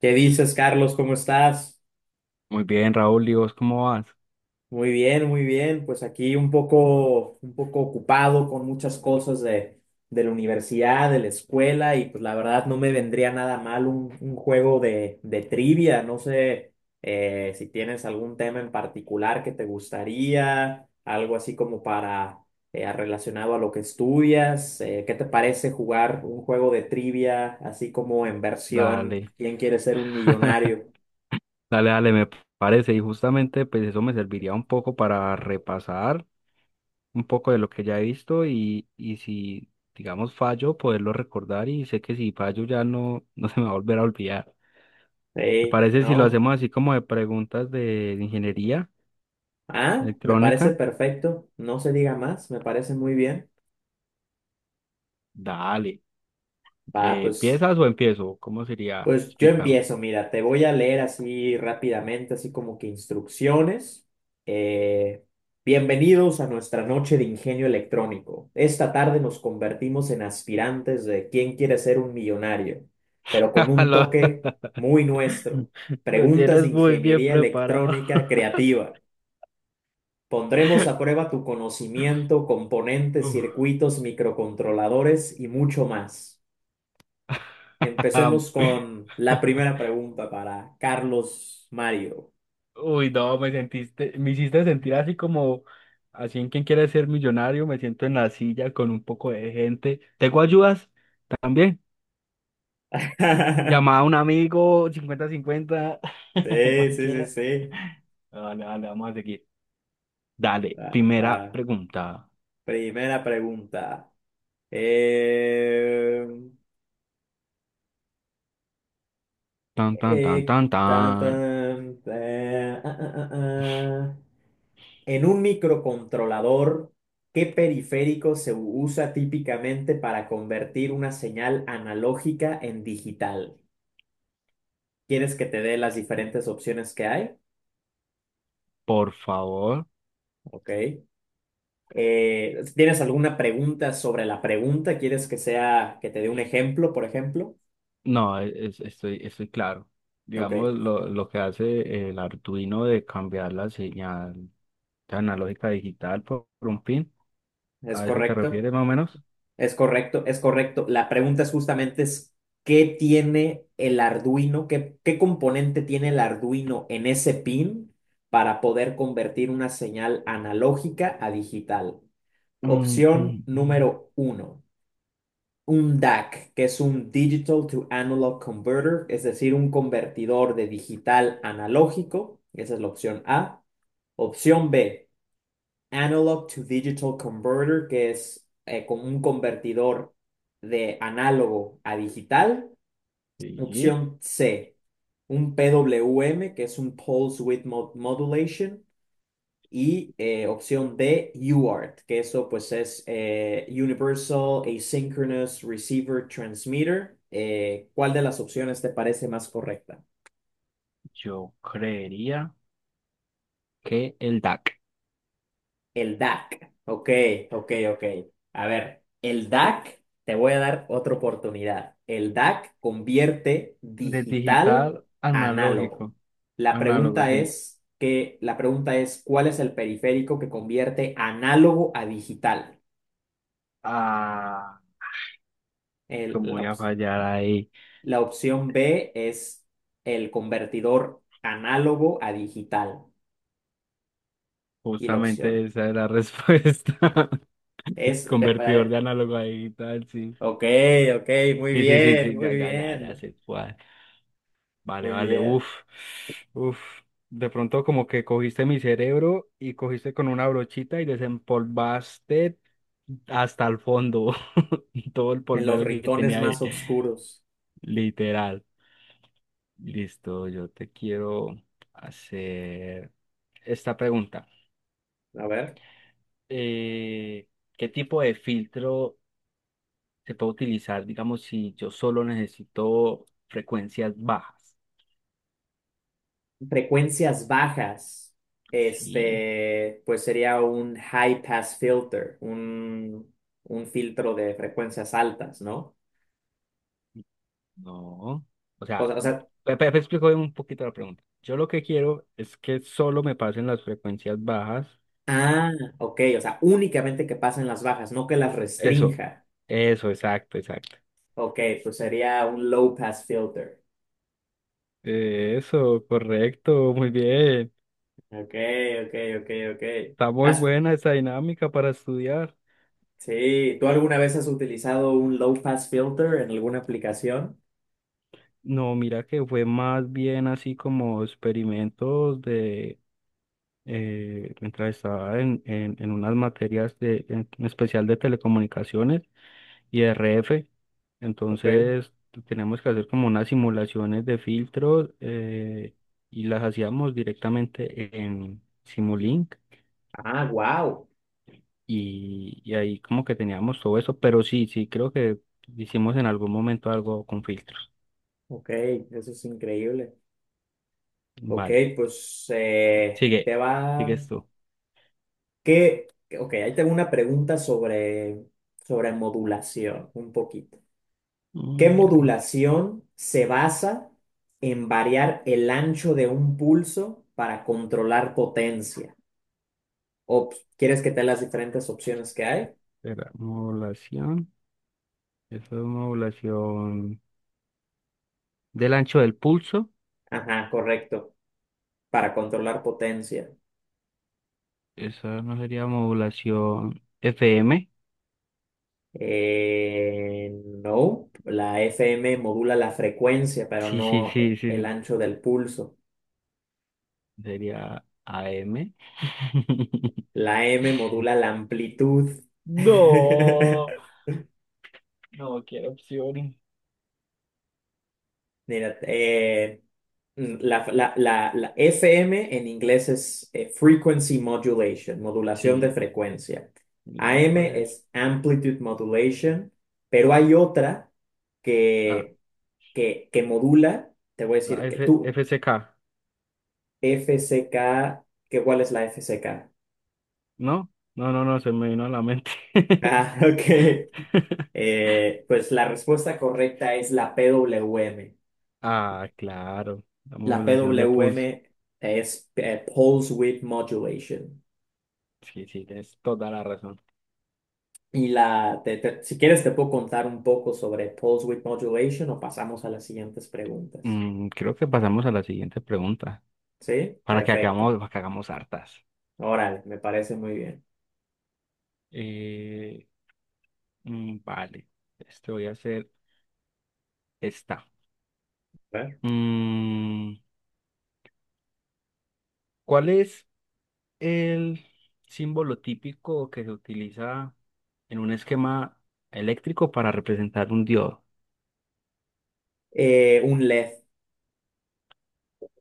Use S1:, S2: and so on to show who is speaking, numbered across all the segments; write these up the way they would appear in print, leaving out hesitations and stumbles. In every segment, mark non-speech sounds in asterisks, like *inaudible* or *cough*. S1: ¿Qué dices, Carlos? ¿Cómo estás?
S2: Muy bien, Raúl, ¿y vos cómo vas?
S1: Muy bien, muy bien. Pues aquí un poco ocupado con muchas cosas de la universidad, de la escuela, y pues la verdad no me vendría nada mal un juego de trivia. No sé si tienes algún tema en particular que te gustaría, algo así como para relacionado a lo que estudias. ¿Qué te parece jugar un juego de trivia así como en versión
S2: Dale,
S1: ¿Quién quiere ser un
S2: *laughs*
S1: millonario?
S2: dale, dale, me parece. Y justamente pues eso me serviría un poco para repasar un poco de lo que ya he visto y si, digamos, fallo, poderlo recordar y sé que si fallo ya no, *laughs* no se me va a volver a olvidar. ¿Te
S1: Sí,
S2: parece si lo
S1: ¿no?
S2: hacemos así como de preguntas de ingeniería
S1: Ah, me parece
S2: electrónica?
S1: perfecto, no se diga más, me parece muy bien.
S2: Dale,
S1: Va, pues,
S2: ¿empiezas o empiezo? ¿Cómo sería?
S1: pues yo
S2: Explícame.
S1: empiezo, mira, te voy a leer así rápidamente, así como que instrucciones. Eh, Bienvenidos a nuestra noche de ingenio electrónico. Esta tarde nos convertimos en aspirantes de quién quiere ser un millonario, pero con
S2: *laughs*
S1: un
S2: Lo,
S1: toque muy nuestro.
S2: *laughs* lo
S1: Preguntas de
S2: tienes muy bien
S1: ingeniería
S2: preparado.
S1: electrónica creativa. Pondremos a prueba tu conocimiento,
S2: *laughs*
S1: componentes,
S2: Uf.
S1: circuitos, microcontroladores y mucho más. Empecemos
S2: *laughs*
S1: con la primera pregunta para Carlos Mario.
S2: Uy, no, me sentiste, me hiciste sentir así como, así en quien quiere ser millonario, me siento en la silla con un poco de gente. ¿Tengo ayudas? También. Llamada a un
S1: *laughs*
S2: amigo, cincuenta cincuenta *laughs*
S1: Sí, sí, sí,
S2: cualquiera.
S1: sí.
S2: No, dale dale vamos a seguir. Dale,
S1: Ah,
S2: primera
S1: ah.
S2: pregunta.
S1: Primera pregunta. Eh,
S2: Tan, tan, tan, tan,
S1: Tan,
S2: tan.
S1: tan, ah. En un microcontrolador, ¿qué periférico se usa típicamente para convertir una señal analógica en digital? ¿Quieres que te dé las diferentes opciones que hay?
S2: Por favor.
S1: Ok. ¿Tienes alguna pregunta sobre la pregunta? ¿Quieres que sea, que te dé un ejemplo, por ejemplo?
S2: No, estoy claro.
S1: Ok,
S2: Digamos, lo que hace el Arduino de cambiar la señal de analógica a digital por un pin,
S1: es
S2: ¿a eso te
S1: correcto.
S2: refieres más o menos?
S1: Es correcto, es correcto. La pregunta es justamente es, ¿qué tiene el Arduino? ¿Qué componente tiene el Arduino en ese pin para poder convertir una señal analógica a digital?
S2: Mm,
S1: Opción
S2: mm, mm.
S1: número uno, un DAC, que es un Digital to Analog Converter, es decir, un convertidor de digital analógico. Esa es la opción A. Opción B Analog to Digital Converter, que es con un convertidor de análogo a digital.
S2: Sí,
S1: Opción C, un PWM, que es un Pulse Width mod Modulation. Y opción D, UART, que eso pues es Universal Asynchronous Receiver Transmitter. ¿Cuál de las opciones te parece más correcta?
S2: yo creería que el DAC.
S1: El DAC. Ok, ok, ok. A ver, el DAC, te voy a dar otra oportunidad. El DAC convierte
S2: De
S1: digital
S2: digital
S1: a análogo.
S2: analógico,
S1: La
S2: análogo,
S1: pregunta
S2: sí.
S1: es que, la pregunta es, ¿cuál es el periférico que convierte análogo a digital?
S2: Ah,
S1: El-
S2: ¿cómo
S1: la,
S2: voy
S1: op-
S2: a fallar ahí?
S1: la opción B es el convertidor análogo a digital. Y la opción
S2: Justamente esa es la respuesta. *laughs*
S1: es, *laughs*
S2: Convertidor de análogo a digital, sí.
S1: Ok, ok, muy
S2: Sí, sí, sí,
S1: bien,
S2: sí,
S1: muy
S2: ya, ya, ya, ya
S1: bien,
S2: sé cuál. Vale,
S1: muy
S2: vale, uff,
S1: bien.
S2: uff. De pronto como que cogiste mi cerebro y cogiste con una brochita y desempolvaste hasta el fondo *laughs* todo el
S1: En los
S2: polvero que
S1: rincones
S2: tenía ahí,
S1: más oscuros.
S2: literal. Listo, yo te quiero hacer esta pregunta.
S1: A ver.
S2: Eh, ¿Qué tipo de filtro se puede utilizar, digamos, si yo solo necesito frecuencias bajas?
S1: Frecuencias bajas.
S2: Sí.
S1: Este, pues sería un high pass filter, un filtro de frecuencias altas, ¿no?
S2: No. O
S1: O
S2: sea,
S1: sea, o sea,
S2: explico un poquito la pregunta. Yo lo que quiero es que solo me pasen las frecuencias bajas.
S1: ah, ok, o sea, únicamente que pasen las bajas, no que las
S2: Eso,
S1: restrinja.
S2: eso, exacto, exacto.
S1: Ok, pues sería un low pass filter.
S2: Eso, correcto, muy bien.
S1: Ok, ok, ok, ok.
S2: Está muy
S1: Has-
S2: buena esa dinámica para estudiar.
S1: sí, ¿tú alguna vez has utilizado un low pass filter en alguna aplicación?
S2: No, mira que fue más bien así como experimentos de, mientras estaba en unas materias de, en especial de telecomunicaciones y RF.
S1: Ok.
S2: Entonces tenemos que hacer como unas simulaciones de filtros y las hacíamos directamente en Simulink
S1: Ah, wow.
S2: y ahí como que teníamos todo eso, pero sí, sí, creo que hicimos en algún momento algo con filtros.
S1: Ok, eso es increíble. Ok,
S2: Vale,
S1: pues
S2: sigue,
S1: te va.
S2: sigues tú.
S1: ¿Qué? Ok, ahí tengo una pregunta sobre modulación, un poquito. ¿Qué
S2: Mm, ahí,
S1: modulación se basa en variar el ancho de un pulso para controlar potencia? O, ¿quieres que te dé las diferentes opciones que hay?
S2: espera, modulación, eso es modulación del ancho del pulso,
S1: Ajá, correcto, para controlar potencia.
S2: esa no sería modulación FM.
S1: Eh, no, la FM modula la frecuencia, pero
S2: Sí, sí,
S1: no
S2: sí,
S1: el
S2: sí.
S1: ancho del pulso.
S2: Sería AM *laughs*
S1: La M modula la amplitud.
S2: No,
S1: *laughs*
S2: no quiero opciones.
S1: Mira, la FM en inglés es frequency modulation, modulación de
S2: Sí,
S1: frecuencia.
S2: el otro
S1: AM
S2: es.
S1: es amplitude modulation, pero hay otra
S2: Ah,
S1: que, que modula, te voy a
S2: la
S1: decir que tú,
S2: FCK.
S1: F C K, ¿Cuál es la F C K?
S2: No, no, no, no, se me vino a la mente.
S1: Ah, *laughs* ok.
S2: *laughs*
S1: Pues la respuesta correcta es la P W M.
S2: Ah, claro, la
S1: La P
S2: modulación de
S1: W M
S2: pulso.
S1: es Pulse Width Modulation.
S2: Sí, sí, tienes toda la razón.
S1: Si quieres te puedo contar un poco sobre Pulse Width Modulation o pasamos a las siguientes preguntas.
S2: Mm, creo que pasamos a la siguiente pregunta
S1: ¿Sí?
S2: para que
S1: Perfecto.
S2: hagamos, para que hagamos hartas.
S1: Órale, me parece muy bien.
S2: Eh, vale, te voy a hacer esta.
S1: A ver.
S2: Mm, ¿Cuál es el símbolo típico que se utiliza en un esquema eléctrico para representar un diodo?
S1: Un LED.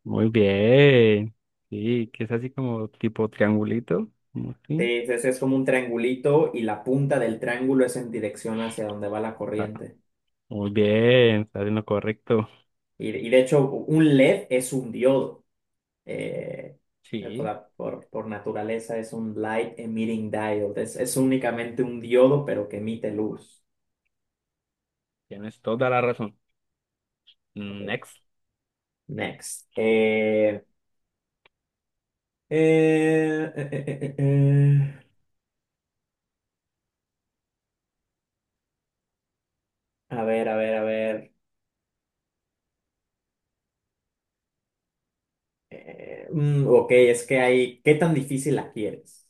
S2: Muy bien. Sí, que es así como tipo triangulito, como
S1: Sí,
S2: así.
S1: es como un triangulito y la punta del triángulo es en dirección hacia donde va la
S2: Ah,
S1: corriente.
S2: muy bien, está en lo correcto.
S1: Y de hecho, un LED es un diodo. eh, por,
S2: Sí,
S1: la- por- por naturaleza es un light emitting diode. Es únicamente un diodo, pero que emite luz.
S2: tienes toda la razón. Next.
S1: Next. Eh, eh, eh, eh, eh. eh. A ver, a ver, a ver. Ok, es que hay. ¿Qué tan difícil la quieres?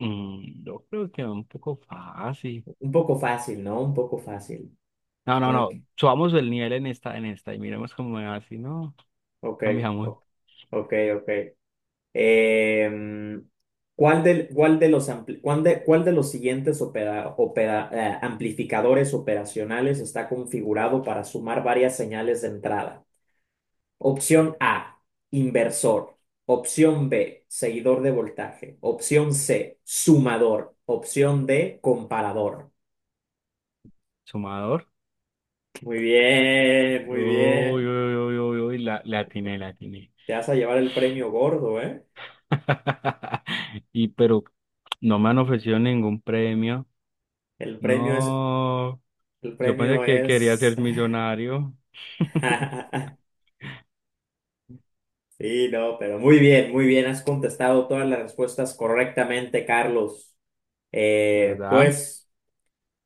S2: Mm, yo creo que un poco fácil.
S1: Un poco fácil, ¿no? Un poco fácil.
S2: No, no,
S1: Ok,
S2: no. Subamos el nivel en esta, y miremos cómo es así, ¿no?
S1: ok,
S2: Cambiamos.
S1: ok. Ok. Em, ¿Cuál de los, ampli- cuál de los siguientes amplificadores operacionales está configurado para sumar varias señales de entrada? Opción A, inversor. Opción B, seguidor de voltaje. Opción C, sumador. Opción D, comparador.
S2: Sumador.
S1: Muy bien, muy
S2: Uy,
S1: bien.
S2: uy, uy, uy, uy, la atiné, la atiné.
S1: Te vas a llevar el premio gordo, ¿eh?
S2: *laughs* Y pero no me han ofrecido ningún premio.
S1: El premio es,
S2: No,
S1: el
S2: yo pensé
S1: premio
S2: que quería
S1: es.
S2: ser millonario,
S1: *laughs*
S2: *laughs*
S1: Sí, no, pero muy bien, muy bien. Has contestado todas las respuestas correctamente, Carlos. Eh,
S2: ¿verdad?
S1: pues,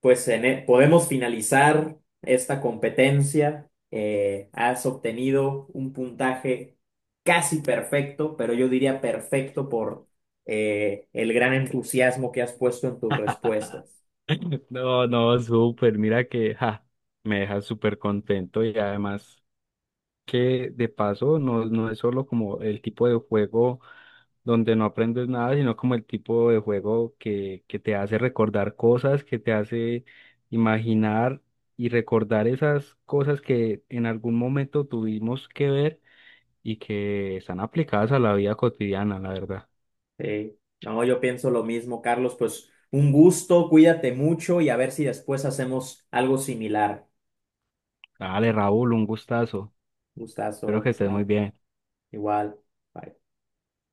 S1: pues podemos finalizar esta competencia. Has obtenido un puntaje casi perfecto, pero yo diría perfecto por el gran entusiasmo que has puesto en tus respuestas.
S2: No, no, súper, mira que ja, me deja súper contento y además que de paso no, no es solo como el tipo de juego, donde no aprendes nada, sino como el tipo de juego que te hace recordar cosas, que te hace imaginar y recordar esas cosas que en algún momento tuvimos que ver y que están aplicadas a la vida cotidiana, la verdad.
S1: Sí. No, yo pienso lo mismo, Carlos. Pues un gusto, cuídate mucho y a ver si después hacemos algo similar.
S2: Dale, Raúl, un gustazo. Espero que
S1: Gustazo,
S2: estés
S1: va.
S2: muy bien.
S1: Igual. Bye.